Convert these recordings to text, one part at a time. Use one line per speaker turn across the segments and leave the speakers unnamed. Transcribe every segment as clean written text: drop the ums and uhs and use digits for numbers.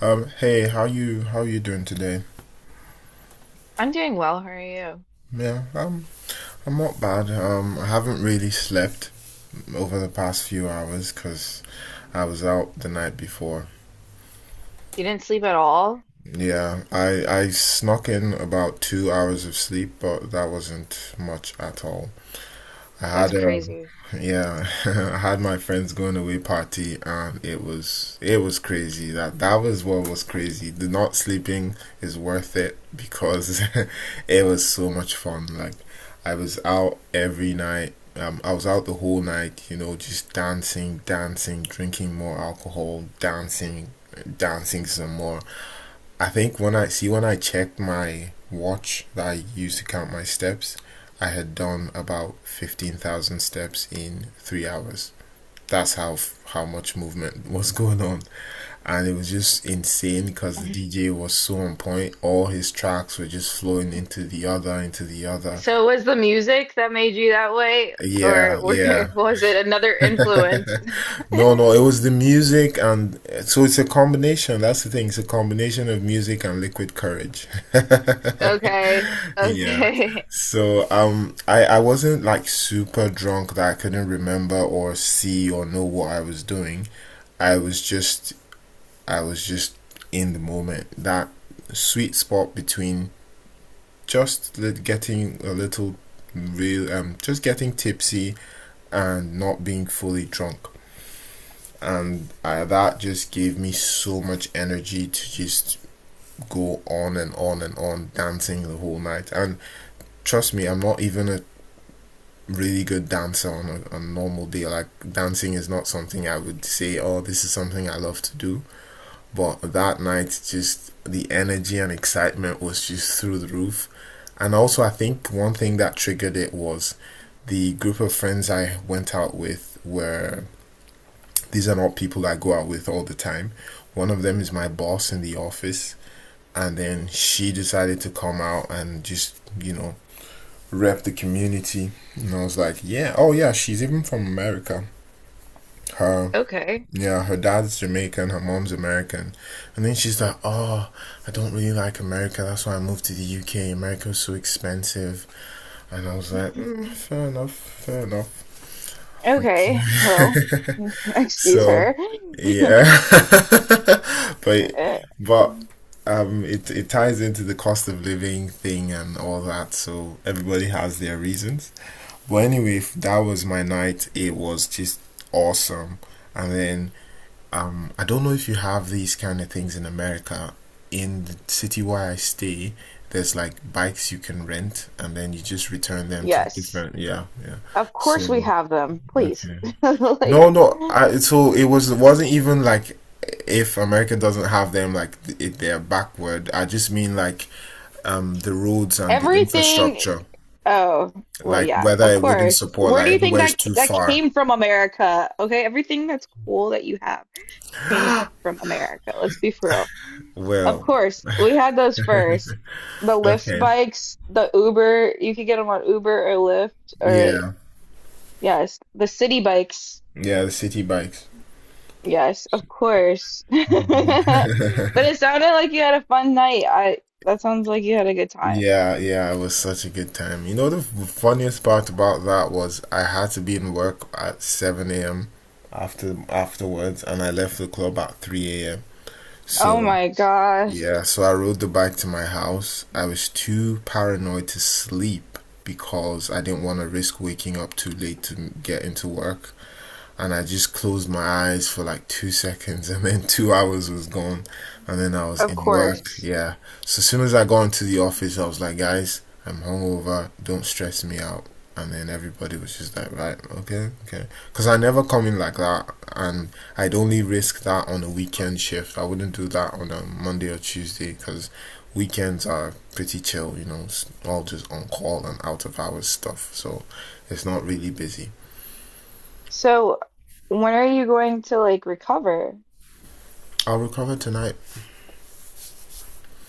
Hey, how you doing today?
I'm doing well. How are you?
Yeah, um, I'm not bad. I haven't really slept over the past few hours because I was out the night before.
You didn't sleep at all?
Yeah, I snuck in about 2 hours of sleep, but that wasn't much at all. I
That's
had
crazy.
yeah, I had my friend's going away party and it was crazy. That was what was crazy. The not sleeping is worth it because it was so much fun. Like I was out every night. I was out the whole night, you know, just dancing, dancing, drinking more alcohol, dancing, dancing some more. I think when I checked my watch that I used to count my steps, I had done about 15,000 steps in 3 hours. That's how much movement was going on. And it was just insane because the DJ was so on point. All his tracks were just flowing into the other, into the other.
So was the music that made you that way,
Yeah,
or were,
yeah.
was it another influence?
No, no, it was the music and so it's a combination. That's the thing. It's a combination of music and liquid courage.
Okay,
Yeah.
okay.
So I wasn't like super drunk that I couldn't remember or see or know what I was doing. I was just I was just in the moment. That sweet spot between getting a little real just getting tipsy and not being fully drunk. And that just gave me so much energy to just go on and on and on dancing the whole night. And trust me, I'm not even a really good dancer on a normal day. Like dancing is not something I would say, oh, this is something I love to do. But that night, just the energy and excitement was just through the roof. And also, I think one thing that triggered it was the group of friends I went out with were these are not people I go out with all the time. One of them is my boss in the office, and then she decided to come out and just you know rep the community. And I was like, yeah, oh yeah, she's even from America. Her
Okay,
yeah, her dad's Jamaican, her mom's American. And then she's like, oh, I don't really like America, that's why I moved to the UK. America was so expensive. And I was like, mm, fair enough, fair enough. Like,
okay. Well, excuse
so,
her.
yeah. But
Uh,
but it ties into the cost of living thing and all that, so everybody has their reasons. But anyway, that was my night. It was just awesome. And then I don't know if you have these kind of things in America. In the city where I stay, there's like bikes you can rent and then you just return them to
Yes,
different, yeah, yeah.
of course we
So,
have them. Please,
okay.
like
No, no. So it wasn't even like if America doesn't have them, like it, they're backward. I just mean like the roads and the
everything.
infrastructure,
Oh, well,
like
yeah,
whether
of
it wouldn't
course.
support,
Where do
like
you think
everywhere is
that ca-
too
that
far.
came from America? Okay, everything that's cool that you have came from America. Let's be for real. Of
Well,
course, we had those first. The Lyft
okay,
bikes, the Uber, you could get them on Uber or Lyft or,
yeah,
yes, the city bikes.
yeah, the city bikes.
Yes, of course. But it sounded like you had a fun night. I that sounds like you had a good time.
Yeah, yeah, it was such a good time. You know, the funniest part about that was I had to be in work at 7 a.m. after afterwards, and I left the club at 3 a.m.
Oh
So.
my gosh.
Yeah, so I rode the bike to my house. I was too paranoid to sleep because I didn't want to risk waking up too late to get into work and I just closed my eyes for like 2 seconds, and then 2 hours was gone, and then I was
Of
in work.
course.
Yeah. So as soon as I got into the office, I was like, guys, I'm hungover. Don't stress me out. And then everybody was just like, right, okay, okay. Because I never come in like that, and I'd only risk that on a weekend shift. I wouldn't do that on a Monday or Tuesday because weekends are pretty chill, you know, it's all just on call and out of hours stuff. So it's not really busy.
So, when are you going to like recover?
I'll recover tonight.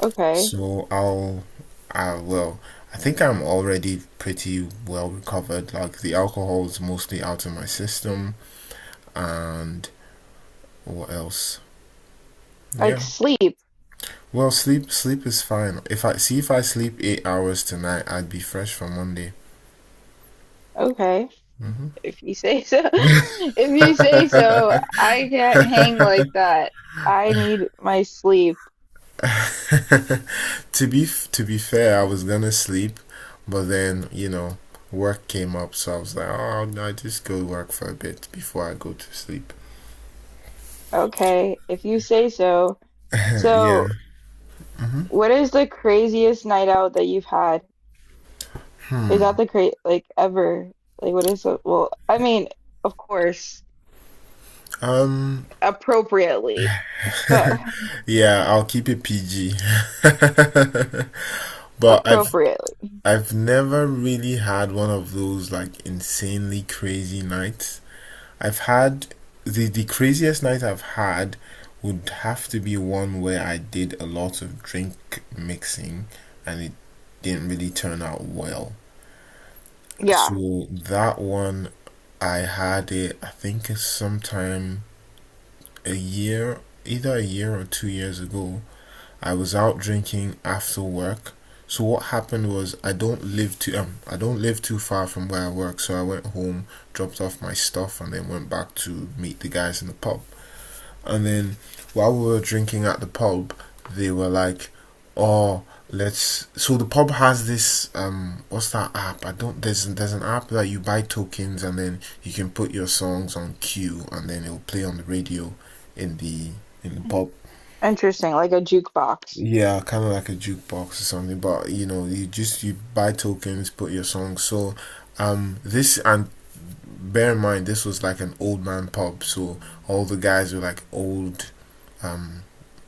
Okay.
So I'll, I will. I think I'm already pretty well recovered. Like the alcohol is mostly out of my system, and what else? Yeah.
Like sleep.
Well, sleep is fine. If I sleep 8 hours tonight, I'd be fresh for Monday.
Okay. If you say so. If you say so, I can't hang like that. I need my sleep.
To be fair, I was gonna sleep, but then you know work came up, so I was like, oh, I'll just go work for a bit before I go to sleep.
Okay. If you say so.
Yeah.
So, what is the craziest night out that you've had? Is that the cra like ever? Like what is it? Well, I mean, of course,
Um,
appropriately, but
Yeah, I'll keep it PG. But I've
appropriately.
I've never really had one of those like insanely crazy nights. I've had the craziest night I've had would have to be one where I did a lot of drink mixing and it didn't really turn out well.
Yeah.
So that one I had it I think it's sometime a year either a year or 2 years ago I was out drinking after work. So what happened was I don't live too far from where I work, so I went home, dropped off my stuff, and then went back to meet the guys in the pub. And then while we were drinking at the pub, they were like, "Oh, let's." So the pub has this what's that app? I don't there's an app that you buy tokens and then you can put your songs on queue and then it'll play on the radio in the pub.
Interesting. Like a jukebox.
Yeah, kind of like a jukebox or something, but you know, you just you buy tokens, put your song. So, this and bear in mind, this was like an old man pub, so all the guys were like old um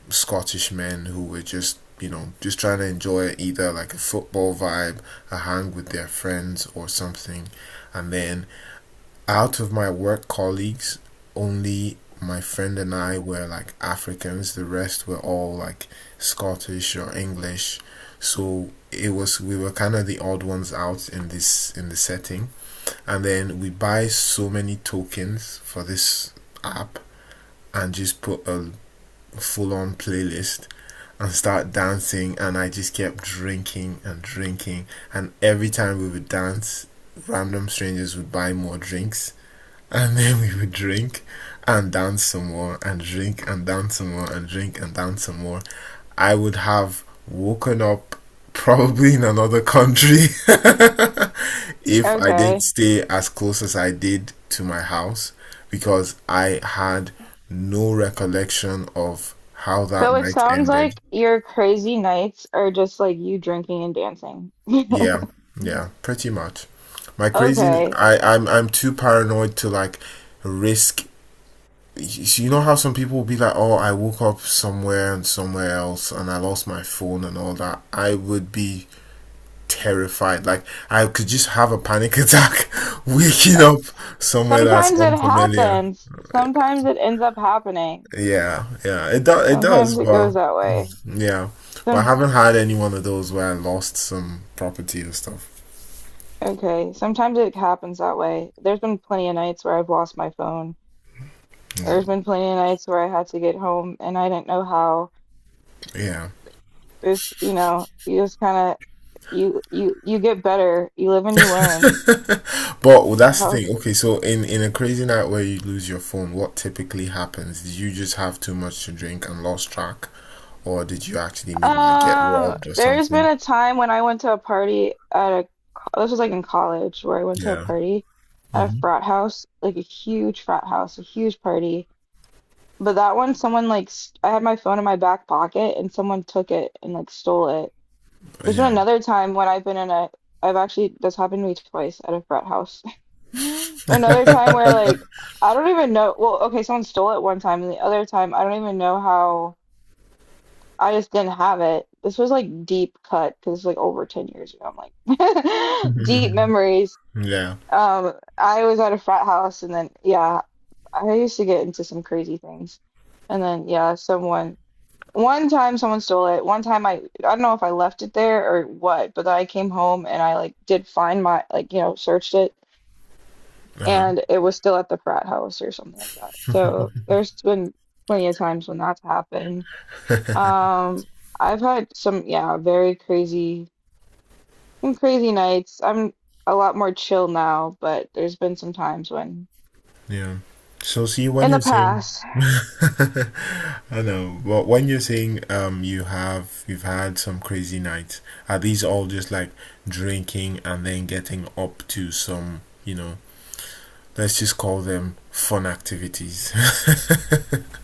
Scottish men who were just you know just trying to enjoy either like a football vibe, a hang with their friends or something, and then out of my work colleagues, only my friend and I were like Africans. The rest were all like Scottish or English. So it was we were kind of the odd ones out in this in the setting. And then we buy so many tokens for this app and just put a full on playlist and start dancing and I just kept drinking and drinking and every time we would dance random strangers would buy more drinks and then we would drink and dance some more and drink and dance some more and drink and dance some more. I would have woken up probably in another country if I didn't
Okay.
stay as close as I did to my house because I had no recollection of how that
So it
night
sounds
ended.
like your crazy nights are just like you drinking and dancing.
Yeah, yeah, pretty much. My crazy,
Okay.
I, I'm too paranoid to like risk so you know how some people will be like, "Oh, I woke up somewhere and somewhere else, and I lost my phone and all that." I would be terrified. Like I could just have a panic attack, waking
Uh,
up somewhere that's
Sometimes it
unfamiliar.
happens. Sometimes it ends up happening.
Yeah, yeah, it does. It does.
Sometimes it goes
Well,
that way.
yeah, but I
Some
haven't had any one of those where I lost some property or stuff.
okay, sometimes it happens that way. There's been plenty of nights where I've lost my phone.
No,
There's been plenty of nights where I had to get home and I didn't know how.
yeah.
This, you just kind of you get better. You live and you learn.
But well, that's the
How
thing. Okay, so in a crazy night where you lose your phone, what typically happens? Did you just have too much to drink and lost track, or did you actually maybe like get robbed or
There's been
something?
a time when I went to a party at a, this was like in college where I went to a
Yeah.
party at a
Hmm.
frat house, like a huge frat house, a huge party. But that one, someone like, st I had my phone in my back pocket and someone took it and like stole it. There's been
Yeah.
another time when I've been in a, I've actually, that's happened to me twice at a frat house. Another time where like, I don't even know, well, okay, someone stole it one time and the other time, I don't even know how. I just didn't have it. This was like deep cut because like over 10 years ago. I'm like deep memories.
Yeah.
I was at a frat house and then yeah, I used to get into some crazy things. And then yeah, someone one time someone stole it. One time I don't know if I left it there or what, but I came home and I like did find my like searched it,
Uh-huh.
and it was still at the frat house or something like that. So there's been plenty of times when that's happened, um, I've had some, yeah, very crazy, some crazy nights. I'm a lot more chill now, but there's been some times when,
Yeah. So see when
in the
you're saying
past,
I know, but when you're saying you have you've had some crazy nights, are these all just like drinking and then getting up to some, you know, let's just call them fun activities.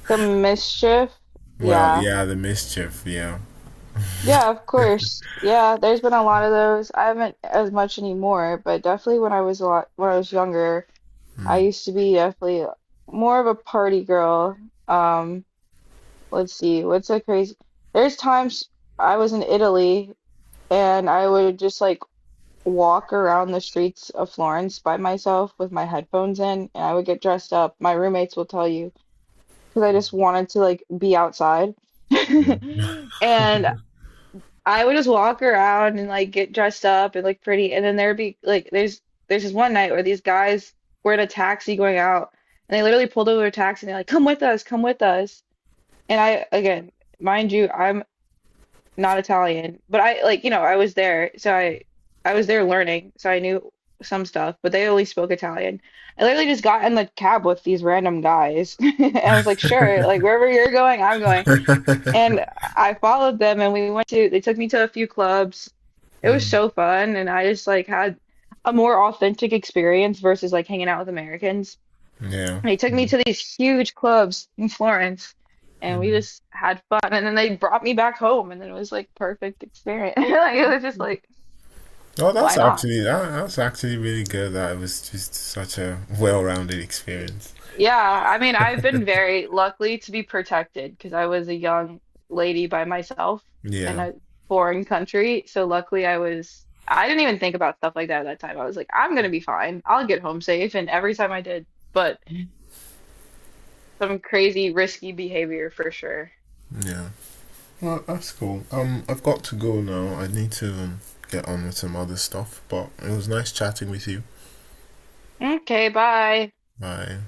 the mischief,
Well,
yeah.
yeah, the mischief, yeah.
Yeah, of course, yeah. There's been a lot of those. I haven't as much anymore, but definitely when I was younger, I used to be definitely more of a party girl. Um, let's see, what's a crazy? There's times I was in Italy and I would just like walk around the streets of Florence by myself with my headphones in, and I would get dressed up. My roommates will tell you, because I just wanted to like be outside. And I would just walk around and like get dressed up and look pretty. And then there'd be like there's this one night where these guys were in a taxi going out, and they literally pulled over a taxi and they're like, "Come with us, come with us." And I again, mind you, I'm not Italian, but I like, you know, I was there, so I was there learning, so I knew some stuff, but they only spoke Italian. I literally just got in the cab with these random guys. And I was like, sure, like wherever you're going, I'm going. And I followed them and we went to they took me to a few clubs. It was
Mm.
so fun, and I just like had a more authentic experience versus like hanging out with Americans.
Yeah.
They took me
Mm.
to these huge clubs in Florence, and we
Mm.
just had fun, and then they brought me back home, and then it was like perfect experience. Like it was just like
Oh,
why
that's
not?
actually that's actually really good. That it was just such a well-rounded experience.
Yeah, I mean I've been very lucky to be protected because I was a young lady by myself in
Yeah,
a foreign country. So luckily I didn't even think about stuff like that at that time. I was like I'm gonna be fine. I'll get home safe, and every time I did, but some crazy risky behavior for sure.
yeah. Well, that's cool. I've got to go now. I need to get on with some other stuff. But it was nice chatting with you.
Okay, bye.
Bye.